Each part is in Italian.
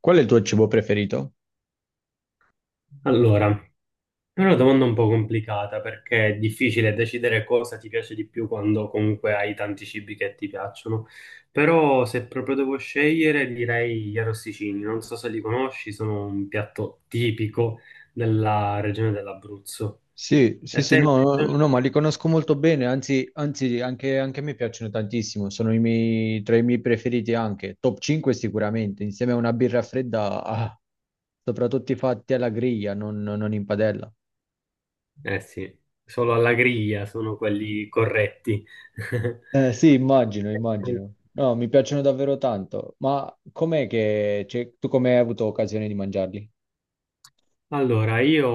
Qual è il tuo cibo preferito? Allora, è una domanda un po' complicata perché è difficile decidere cosa ti piace di più quando comunque hai tanti cibi che ti piacciono. Però se proprio devo scegliere direi gli arrosticini. Non so se li conosci, sono un piatto tipico della regione dell'Abruzzo. Sì, E sì, a te sì, no, no, invece? no, ma li conosco molto bene, anzi, anche a me piacciono tantissimo, sono i miei, tra i miei preferiti anche, top 5 sicuramente, insieme a una birra fredda, soprattutto fatti alla griglia, non in padella. Eh sì, solo alla griglia sono quelli corretti. Sì, immagino, immagino. No, mi piacciono davvero tanto, ma com'è che, cioè, tu come hai avuto occasione di mangiarli? Allora, io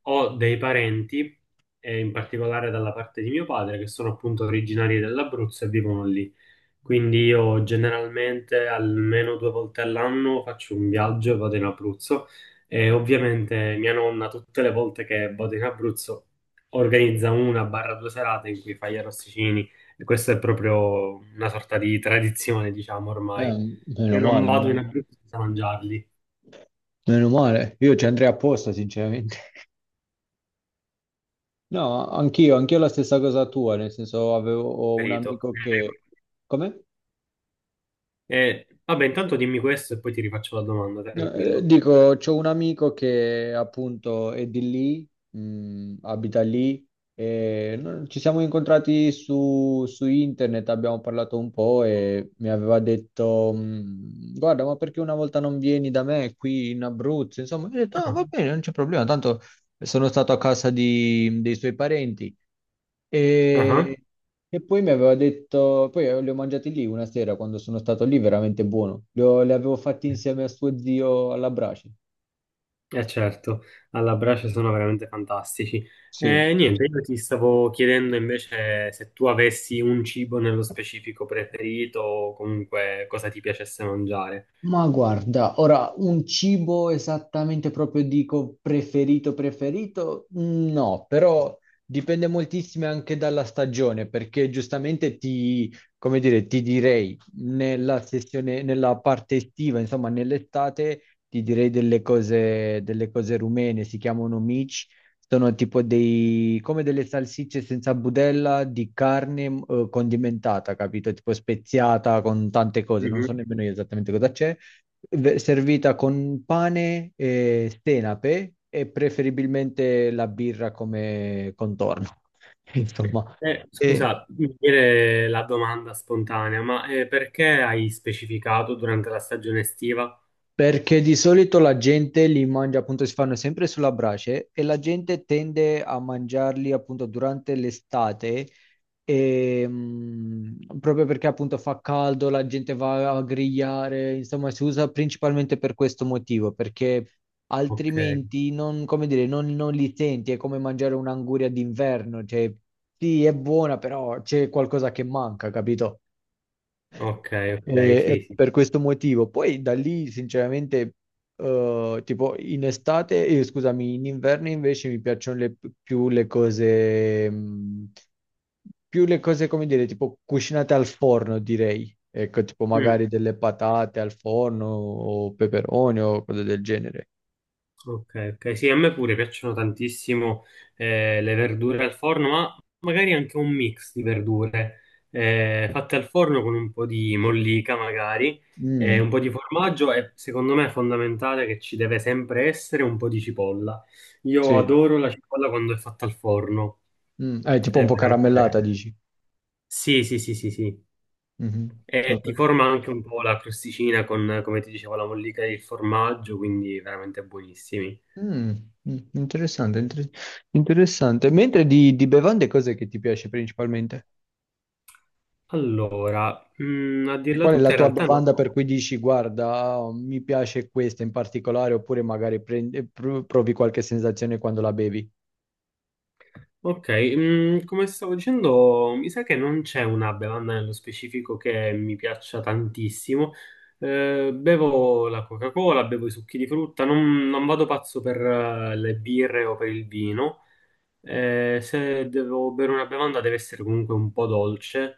ho dei parenti, in particolare dalla parte di mio padre, che sono appunto originari dell'Abruzzo e vivono lì. Quindi io generalmente almeno 2 volte all'anno faccio un viaggio e vado in Abruzzo. E ovviamente mia nonna, tutte le volte che vado in Abruzzo, organizza una barra due serate in cui fa gli arrosticini. E questa è proprio una sorta di tradizione, diciamo ormai. Eh, Io meno non male, vado in men- Abruzzo senza mangiarli, meno male, io ci andrei apposta, sinceramente. No, anch'io la stessa cosa tua, nel senso avevo ho un perito. amico che... Come? Vabbè, intanto dimmi questo e poi ti rifaccio la domanda, No, tranquillo. dico, c'ho un amico che appunto è di lì, abita lì, e ci siamo incontrati su internet, abbiamo parlato un po' e mi aveva detto, guarda, ma perché una volta non vieni da me qui in Abruzzo? Insomma, io ho detto, ah, Ah. va bene, non c'è problema, tanto sono stato a casa dei suoi parenti. Ah. E E poi mi aveva detto, poi li ho mangiati lì una sera quando sono stato lì, veramente buono. Li avevo fatti insieme a suo zio alla brace. Eh certo, alla brace sono veramente fantastici. Sì. Niente, io ti stavo chiedendo invece se tu avessi un cibo nello specifico preferito o comunque cosa ti piacesse mangiare. Ma guarda, ora un cibo esattamente proprio dico preferito preferito? No, però dipende moltissimo anche dalla stagione, perché giustamente come dire, ti direi nella sessione, nella parte estiva, insomma, nell'estate ti direi delle cose rumene, si chiamano mici. Sono tipo dei, come delle salsicce senza budella di carne, condimentata, capito? Tipo speziata con tante cose, non so Mhm. nemmeno io esattamente cosa c'è, servita con pane e senape e preferibilmente la birra come contorno. Insomma, Scusa, mi viene la domanda spontanea, ma perché hai specificato durante la stagione estiva? perché di solito la gente li mangia, appunto, si fanno sempre sulla brace e la gente tende a mangiarli appunto durante l'estate, e, proprio perché appunto fa caldo, la gente va a grigliare, insomma, si usa principalmente per questo motivo, perché Ok, altrimenti non, come dire, non li senti, è come mangiare un'anguria d'inverno, cioè sì, è buona, però c'è qualcosa che manca, capito? ok, E, ok, sì, e sì. per questo motivo, poi da lì sinceramente, tipo in estate, scusami, in inverno invece mi piacciono più le cose, mh, più le cose come dire, tipo cucinate al forno, direi. Ecco, tipo Mm. magari delle patate al forno o peperoni o cose del genere. Ok, ok, sì, a me pure piacciono tantissimo le verdure al forno, ma magari anche un mix di verdure fatte al forno con un po' di mollica magari, Mm, un po' di formaggio e secondo me è fondamentale che ci deve sempre essere un po' di cipolla. Io sì. adoro la cipolla quando è fatta al forno, Tipo un è po' caramellata, veramente... dici. Sì, sì, sì, sì, sì. Mhm. E Ok. ti forma anche un po' la crosticina con, come ti dicevo, la mollica e il formaggio, quindi veramente buonissimi. Mm, Interessante, interessante. Mentre di bevande cos'è che ti piace principalmente? Allora, a Cioè, dirla Qual è la tutta in tua realtà no. bevanda per cui dici, guarda, oh, mi piace questa in particolare, oppure magari provi qualche sensazione quando la bevi? Ok, come stavo dicendo, mi sa che non c'è una bevanda nello specifico che mi piaccia tantissimo. Bevo la Coca-Cola, bevo i succhi di frutta, non vado pazzo per le birre o per il vino. Se devo bere una bevanda deve essere comunque un po' dolce.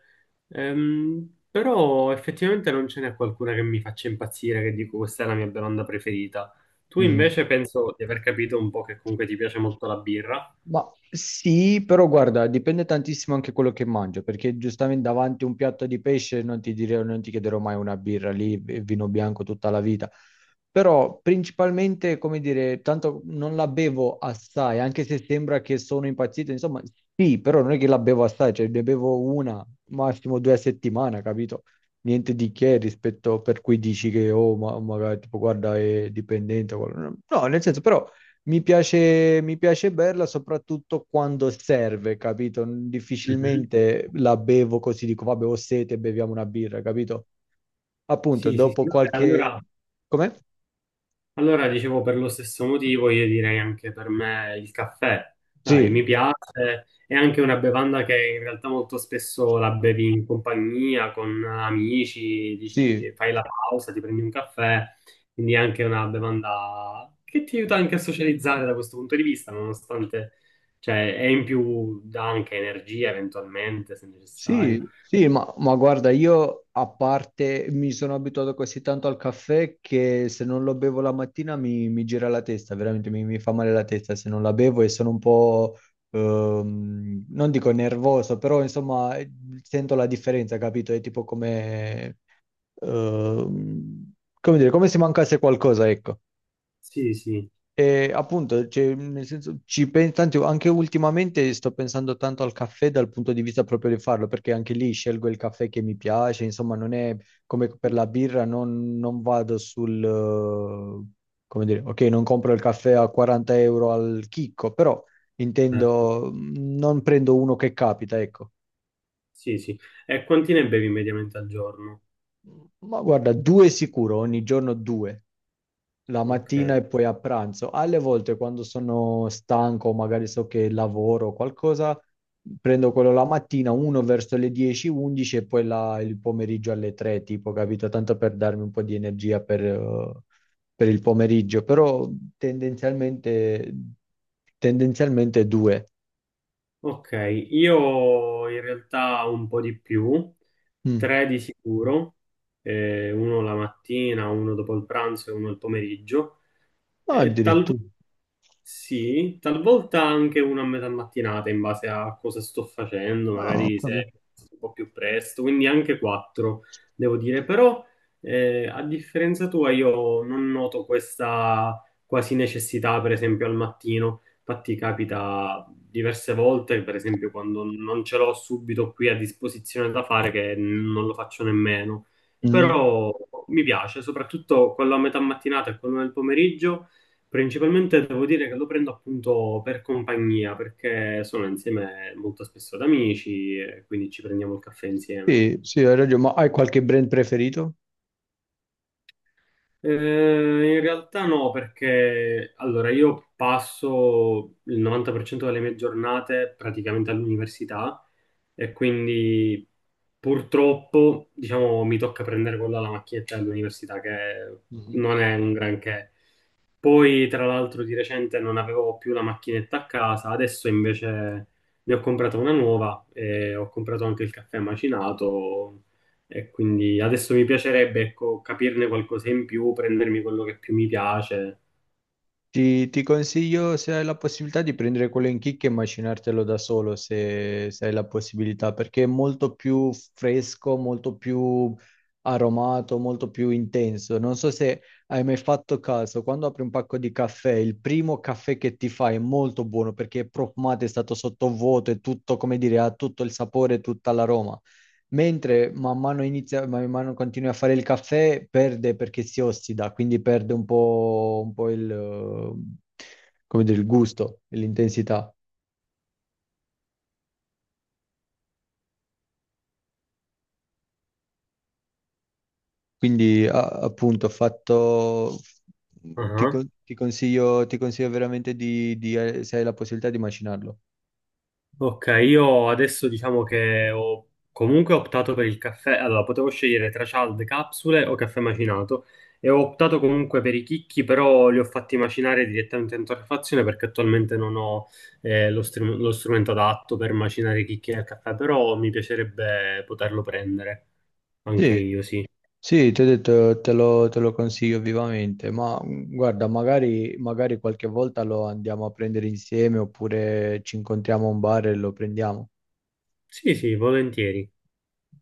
Però effettivamente non ce n'è qualcuna che mi faccia impazzire, che dico questa è la mia bevanda preferita. Tu Mm-hmm. invece penso di aver capito un po' che comunque ti piace molto la birra. Ma sì, però guarda, dipende tantissimo anche quello che mangio, perché giustamente davanti a un piatto di pesce non ti direi, non ti chiederò mai una birra lì, e vino bianco tutta la vita. Però principalmente, come dire, tanto non la bevo assai, anche se sembra che sono impazzito, insomma, sì, però non è che la bevo assai, cioè ne bevo una, massimo due a settimana, capito? Niente di che rispetto per cui dici che, oh, ma magari tipo, guarda, è dipendente. O no, nel senso, però... Mi piace, berla soprattutto quando serve, capito? Mhm. Difficilmente la bevo così, dico, vabbè, ho sete, beviamo una birra, capito? Appunto, Sì, sì, sì. dopo Vabbè, qualche... allora Com'è? allora, dicevo, per lo stesso motivo, io direi anche per me il caffè. Dai, Sì, mi piace, è anche una bevanda che in realtà molto spesso la bevi in compagnia, con amici, sì, dici, fai la pausa, ti prendi un caffè, quindi è anche una bevanda che ti aiuta anche a socializzare da questo punto di vista, nonostante, cioè, è in più, dà anche energia eventualmente, se necessario. Sì, sì, ma guarda, io a parte mi sono abituato così tanto al caffè che se non lo bevo la mattina mi gira la testa, veramente mi fa male la testa se non la bevo e sono un po', non dico nervoso, però insomma sento la differenza, capito? È tipo come, ehm, come dire, come se mancasse qualcosa, ecco. Sì, sì, E appunto, cioè, nel senso, anche ultimamente sto pensando tanto al caffè dal punto di vista proprio di farlo, perché anche lì scelgo il caffè che mi piace, insomma, non è come per la birra, non vado sul, come dire, ok, non compro il caffè a 40 euro al chicco, però certo, intendo, non prendo uno che capita, ecco. sì, sì. E quanti ne bevi mediamente al giorno? Ma guarda, due sicuro, ogni giorno due. La Ok. mattina e poi a pranzo. Alle volte quando sono stanco, magari so che lavoro o qualcosa, prendo quello la mattina, uno verso le 10, 11 e poi il pomeriggio alle 3, tipo, capito? Tanto per darmi un po' di energia per il pomeriggio, però tendenzialmente, tendenzialmente due. Ok, io in realtà un po' di più, Mm. tre di sicuro, uno la mattina, uno dopo il pranzo e uno il pomeriggio. Ah, E talvolta addirittura. sì, talvolta anche una a metà mattinata in base a cosa sto facendo, Ah, ho magari se è capito. un po' più presto, quindi anche quattro, devo dire, però a differenza tua io non noto questa quasi necessità, per esempio al mattino. Infatti capita diverse volte, per esempio quando non ce l'ho subito qui a disposizione da fare, che non lo faccio nemmeno, Mm. però mi piace, soprattutto quello a metà mattinata e quello nel pomeriggio. Principalmente devo dire che lo prendo appunto per compagnia, perché sono insieme molto spesso ad amici e quindi ci prendiamo il caffè insieme. Sì, sì, hai ragione, ma hai qualche brand preferito? Eh, in realtà no, perché allora io passo il 90% delle mie giornate praticamente all'università e quindi purtroppo, diciamo, mi tocca prendere quella la macchinetta dell'università che Mhm. non è un granché. Poi, tra l'altro, di recente non avevo più la macchinetta a casa, adesso invece ne ho comprata una nuova e ho comprato anche il caffè macinato e quindi adesso mi piacerebbe, ecco, capirne qualcosa in più, prendermi quello che più mi piace. Ti consiglio, se hai la possibilità, di prendere quello in chicca e macinartelo da solo, se hai la possibilità, perché è molto più fresco, molto più aromato, molto più intenso. Non so se hai mai fatto caso, quando apri un pacco di caffè, il primo caffè che ti fai è molto buono perché è profumato, è stato sottovuoto, è tutto, come dire, ha tutto il sapore, tutta l'aroma. Mentre man mano, inizia, man mano continui a fare il caffè, perde perché si ossida, quindi perde un po' come dire, il gusto e l'intensità. Quindi appunto ho fatto, ti consiglio veramente se hai la possibilità di macinarlo. Ok, io adesso diciamo che ho comunque optato per il caffè. Allora, potevo scegliere tra cialde, capsule o caffè macinato e ho optato comunque per i chicchi, però li ho fatti macinare direttamente in torrefazione perché attualmente non ho lo strumento adatto per macinare i chicchi nel caffè, però mi piacerebbe poterlo prendere anche Sì, io, sì. sì, ti ho detto, te lo consiglio vivamente, ma guarda, magari qualche volta lo andiamo a prendere insieme oppure ci incontriamo a un bar e lo prendiamo. Sì, sì, volentieri.